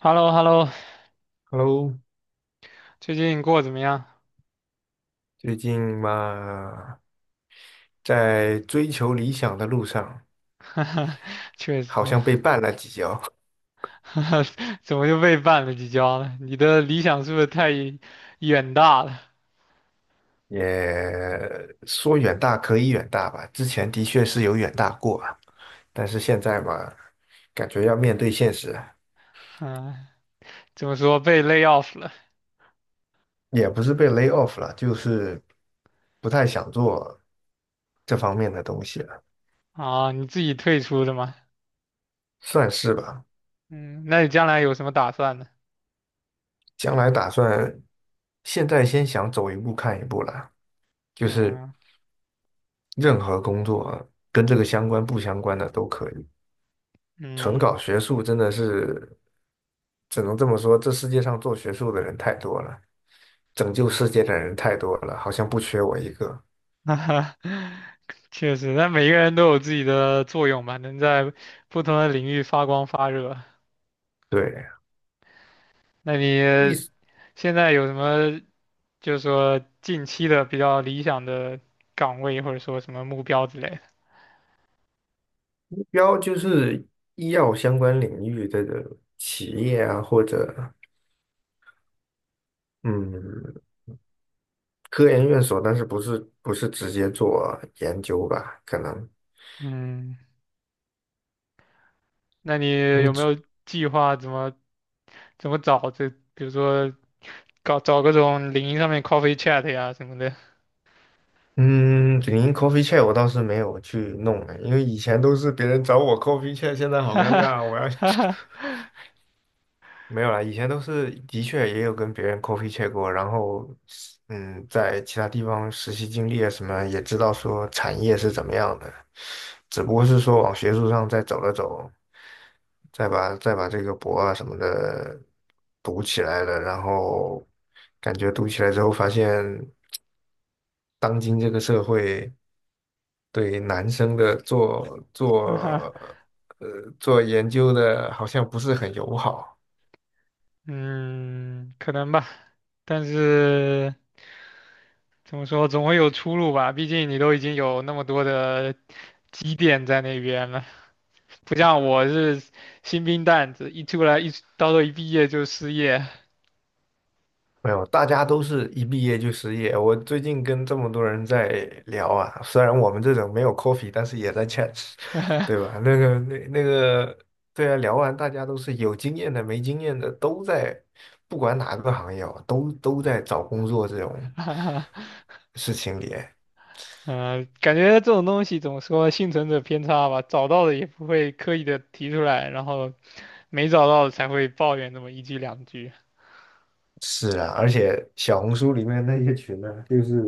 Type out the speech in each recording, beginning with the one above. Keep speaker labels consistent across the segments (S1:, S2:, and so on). S1: Hello hello
S2: Hello，
S1: 最近过得怎么样？
S2: 最近嘛，在追求理想的路上，
S1: 确实。
S2: 好像被绊了几跤。
S1: 怎么又被绊了几跤了？你的理想是不是太远大了？
S2: 也说远大可以远大吧，之前的确是有远大过啊，但是现在嘛，感觉要面对现实，
S1: 嗯，怎么说被 lay off 了？
S2: 也不是被 lay off 了，就是不太想做这方面的东西了，
S1: 啊？你自己退出的吗？
S2: 算是吧。
S1: 嗯，那你将来有什么打算呢？
S2: 将来打算现在先想走一步看一步了，就是。
S1: 嗯
S2: 任何工作啊跟这个相关不相关的都可以。纯搞
S1: 嗯。
S2: 学术真的是，只能这么说，这世界上做学术的人太多了，拯救世界的人太多了，好像不缺我一个。
S1: 确实，那每个人都有自己的作用吧，能在不同的领域发光发热。
S2: 对，
S1: 那你
S2: 一
S1: 现在有什么？就是说近期的比较理想的岗位或者说什么目标之类的。
S2: 目标就是医药相关领域的企业啊，或者嗯科研院所，但是不是直接做研究吧？可能。
S1: 嗯，那你有没有计划怎么找这？比如说搞找各种领英上面 coffee chat 呀什么的。
S2: 嗯，领英 coffee chat 我倒是没有去弄哎，因为以前都是别人找我 coffee chat，现在好尴尬，我要 没有啦，以前都是的确也有跟别人 coffee chat 过，然后在其他地方实习经历啊什么，也知道说产业是怎么样的，只不过是说往学术上再走了走，再把这个博啊什么的读起来了，然后感觉读起来之后发现。当今这个社会对男生的做
S1: 哈哈
S2: 做呃做研究的，好像不是很友好。
S1: 嗯，可能吧，但是怎么说，总会有出路吧。毕竟你都已经有那么多的积淀在那边了，不像我是新兵蛋子，一出来一到时候一毕业就失业。
S2: 没有，大家都是一毕业就失业。我最近跟这么多人在聊啊，虽然我们这种没有 coffee，但是也在 chat，对 吧？对啊，聊完大家都是有经验的、没经验的，都在，不管哪个行业哦，都在找工作这种事情里。
S1: 嗯，感觉这种东西怎么说，幸存者偏差吧，找到了也不会刻意的提出来，然后没找到才会抱怨那么一句两句。
S2: 是啊，而且小红书里面那些群呢、就是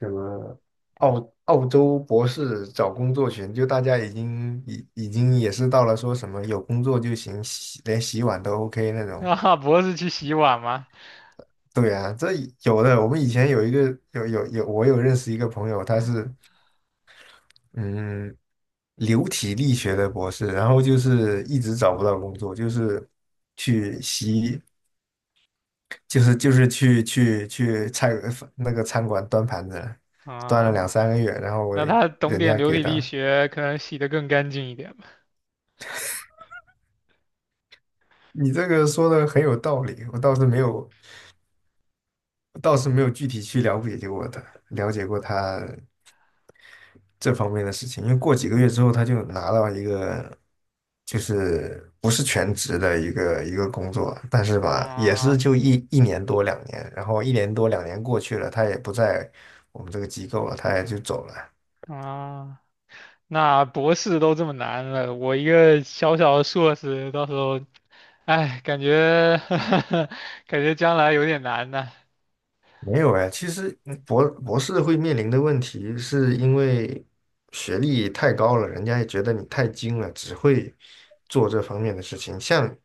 S2: 什么澳洲博士找工作群，就大家已经也是到了说什么有工作就行，连洗碗都 OK 那 种。
S1: 啊，博士去洗碗吗？
S2: 对啊，这有的。我们以前有一个。有有有，我有认识一个朋友，他是嗯流体力学的博士，然后就是一直找不到工作，就是去洗。就是去那个餐馆端盘子，端了两
S1: 啊，
S2: 三个月，然后我
S1: 那他懂
S2: 人
S1: 点
S2: 家
S1: 流
S2: 给
S1: 体力
S2: 的。
S1: 学，可能洗得更干净一点吧。
S2: 你这个说的很有道理，我倒是没有，我倒是没有具体去了解过他，了解过他这方面的事情。因为过几个月之
S1: 嗯
S2: 后，他就拿到一个就是不是全职的一个工作，但是吧，也是
S1: 啊
S2: 就一年多两年，然后一年多两年过去了，他也不在我们这个机构了，他也就走了。
S1: 啊，那博士都这么难了，我一个小小的硕士，到时候，哎，感觉 感觉将来有点难呢。
S2: 没有哎，其实博士会面临的问题，是因为学历太高了，人家也觉得你太精了，只会做这方面的事情。像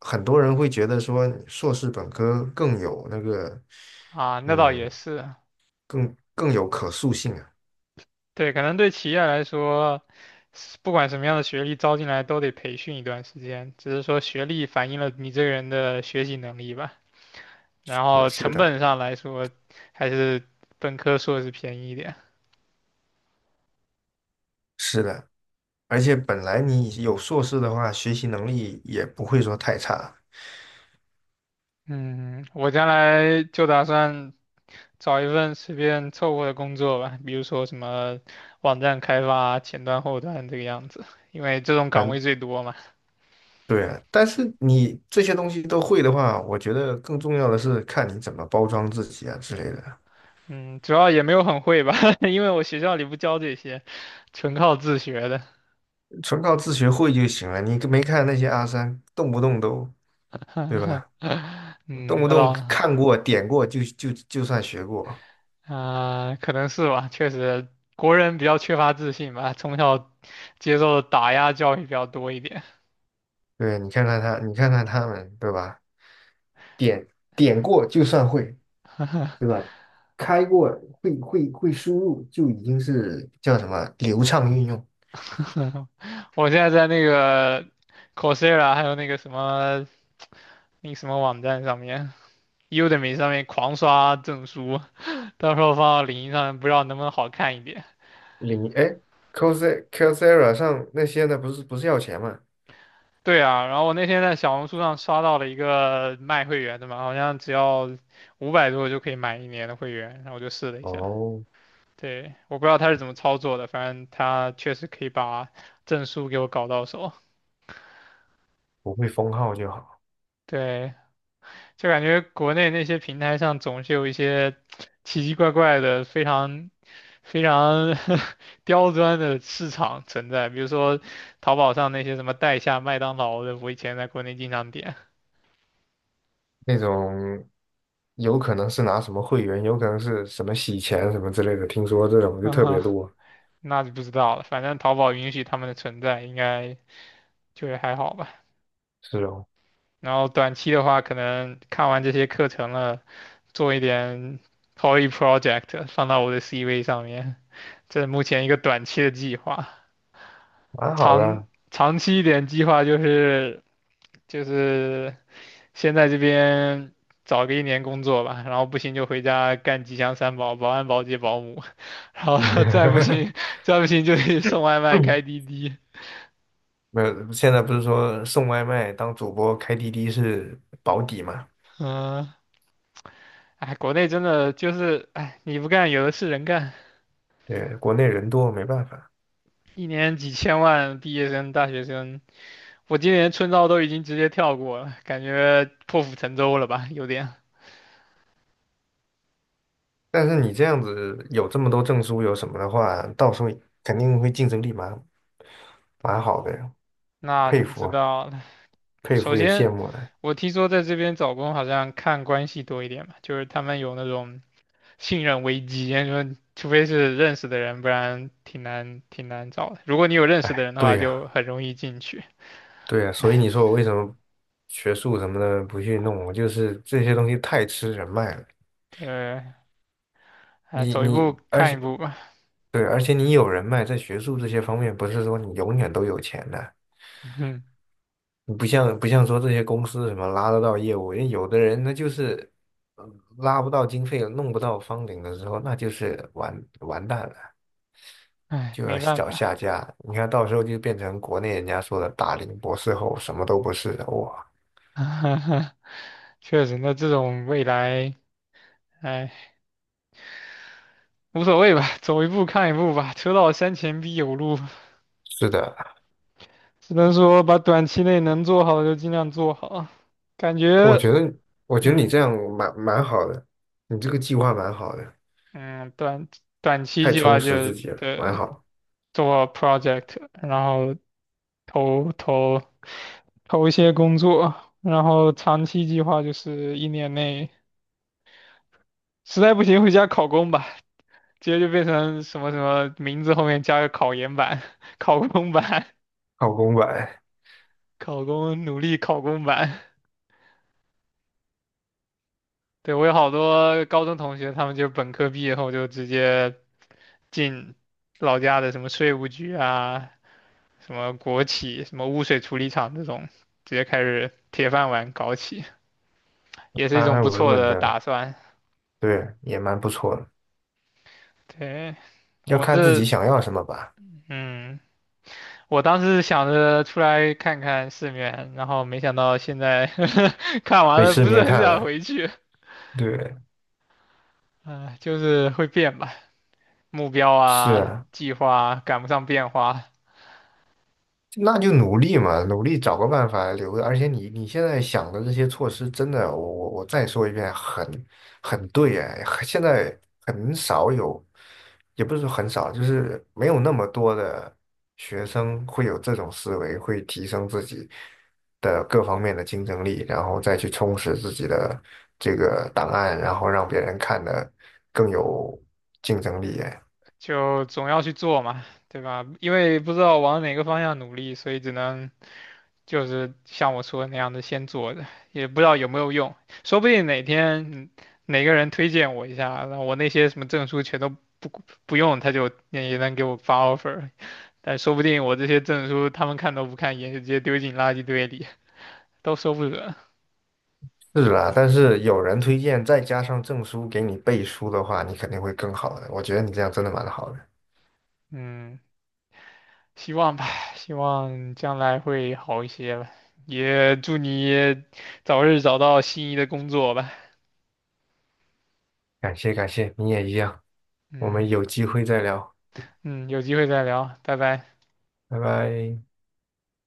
S2: 很多人会觉得说，硕士本科更有那个，
S1: 啊，那倒也
S2: 嗯，
S1: 是。
S2: 更有可塑性啊。
S1: 对，可能对企业来说，是不管什么样的学历招进来都得培训一段时间，只是说学历反映了你这个人的学习能力吧。然
S2: 是
S1: 后
S2: 是
S1: 成
S2: 的，
S1: 本上来说，还是本科硕士便宜一点。
S2: 是的，而且本来你有硕士的话，学习能力也不会说太差。
S1: 嗯，我将来就打算找一份随便凑合的工作吧，比如说什么网站开发、前端、后端这个样子，因为这种岗位
S2: 反
S1: 最多嘛。
S2: 对，但是你这些东西都会的话，我觉得更重要的是看你怎么包装自己啊之类的，
S1: 嗯，主要也没有很会吧，因为我学校里不教这些，纯靠自学的。
S2: 纯靠自学会就行了。你没看那些阿三，动不动都，对吧？动
S1: 嗯，
S2: 不
S1: 那
S2: 动
S1: 倒。
S2: 看过、点过就算学过。
S1: 啊、可能是吧，确实，国人比较缺乏自信吧，从小接受的打压教育比较多一点。
S2: 对，你看看他，你看看他们，对吧？点点过就算会，对吧？开过会输入就已经是叫什么流畅运用。
S1: 我现在在那个 Coursera,还有那个什么，那个什么网站上面，Udemy 上面狂刷证书，到时候放到领英上，不知道能不能好看一点。
S2: 领哎 Coursera 上那些呢，不是要钱吗？
S1: 对啊，然后我那天在小红书上刷到了一个卖会员的嘛，好像只要500多就可以买一年的会员，然后我就试了一下。
S2: 哦，
S1: 对，我不知道他是怎么操作的，反正他确实可以把证书给我搞到手。
S2: 不会封号就好。
S1: 对，就感觉国内那些平台上总是有一些奇奇怪怪的、非常 刁钻的市场存在，比如说淘宝上那些什么代下麦当劳的，我以前在国内经常点。
S2: 那种有可能是拿什么会员，有可能是什么洗钱什么之类的，听说这种就特别
S1: 啊，
S2: 多。
S1: 那就不知道了。反正淘宝允许他们的存在，应该就还好吧。
S2: 是哦，
S1: 然后短期的话，可能看完这些课程了。做一点 poly project 放到我的 CV 上面，这是目前一个短期的计划。
S2: 蛮好的
S1: 长
S2: 啊。
S1: 长期一点计划就是就是先在这边找个一年工作吧，然后不行就回家干吉祥三宝、保安、保洁、保姆，然后再不行 就去送外卖、开 滴滴。
S2: 没有，现在不是说送外卖当主播开滴滴是保底嘛？
S1: 嗯，哎，国内真的就是哎，你不干有的是人干，
S2: 对，国内人多没办法。
S1: 一年几千万毕业生、大学生。我今年春招都已经直接跳过了，感觉破釜沉舟了吧，有点。
S2: 但是你这样子有这么多证书有什么的话，到时候肯定会竞争力蛮好的。
S1: 那
S2: 佩
S1: 就不
S2: 服
S1: 知
S2: 啊，
S1: 道了。
S2: 佩
S1: 首
S2: 服也羡
S1: 先，
S2: 慕了。
S1: 我听说在这边找工好像看关系多一点吧，就是他们有那种信任危机，说除非是认识的人，不然挺难找的。如果你有认识
S2: 哎，
S1: 的人的
S2: 对
S1: 话，
S2: 呀，
S1: 就很容易进去。
S2: 对呀，所以你
S1: 唉，
S2: 说我为什么学术什么的不去弄？我就是这些东西太吃人脉了。
S1: 对，哎，
S2: 你
S1: 走一步
S2: 你，而
S1: 看一
S2: 且
S1: 步吧。
S2: 对，而且你有人脉，在学术这些方面，不是说你永远都有钱的。
S1: 嗯，
S2: 你不像说这些公司什么拉得到业务，因为有的人那就是拉不到经费，弄不到方顶的时候，那就是完蛋了，
S1: 唉，
S2: 就要
S1: 没办
S2: 找下
S1: 法。
S2: 家。你看到时候就变成国内人家说的大龄博士后，什么都不是，的，哇。
S1: 确实，那这种未来，唉。无所谓吧，走一步看一步吧，车到山前必有路，
S2: 是的，
S1: 只能说把短期内能做好的就尽量做好。感
S2: 我
S1: 觉。
S2: 觉得，我觉得你这
S1: 嗯
S2: 样蛮好的，你这个计划蛮好的，
S1: 嗯，短期
S2: 太
S1: 计
S2: 充
S1: 划
S2: 实
S1: 就
S2: 自己了，蛮
S1: 对
S2: 好，
S1: 做 project,然后投投投一些工作，然后长期计划就是1年内，实在不行回家考公吧，直接就变成什么什么名字后面加个考研版、考公版、
S2: 靠公馆，
S1: 考公努力考公版。对，我有好多高中同学，他们就本科毕业后就直接进老家的什么税务局啊，什么国企、什么污水处理厂这种，直接开始铁饭碗搞起，也是一
S2: 安
S1: 种
S2: 安
S1: 不
S2: 稳
S1: 错
S2: 稳
S1: 的
S2: 的，
S1: 打算。
S2: 对，也蛮不错的。
S1: 对，
S2: 要
S1: 我
S2: 看自己
S1: 是，
S2: 想要什么吧，
S1: 嗯，我当时想着出来看看世面，然后没想到现在 看完
S2: 被
S1: 了，
S2: 世
S1: 不是
S2: 面
S1: 很
S2: 看
S1: 想
S2: 了，
S1: 回去。
S2: 对，
S1: 啊、就是会变吧，目标
S2: 是
S1: 啊、
S2: 啊。
S1: 计划啊赶不上变化。
S2: 那就努力嘛，努力找个办法留着。而且你现在想的这些措施，真的，我再说一遍，很对哎，现在很少有，也不是说很少，就是没有那么多的学生会有这种思维，会提升自己的各方面的竞争力，然后再去充实自己的这个档案，然后让别人看的更有竞争力哎。
S1: 就总要去做嘛，对吧？因为不知道往哪个方向努力，所以只能就是像我说的那样的先做着，也不知道有没有用。说不定哪天嗯哪个人推荐我一下，那我那些什么证书全都不不用他就也能给我发 offer。但说不定我这些证书他们看都不看一眼，就直接丢进垃圾堆里，都说不准。
S2: 是啦，但是有人推荐，再加上证书给你背书的话，你肯定会更好的。我觉得你这样真的蛮好的，
S1: 嗯，希望吧，希望将来会好一些吧。也祝你早日找到心仪的工作吧。
S2: 感谢感谢，你也一样。我
S1: 嗯
S2: 们有机会再聊，
S1: 嗯，有机会再聊，拜拜。
S2: 拜拜。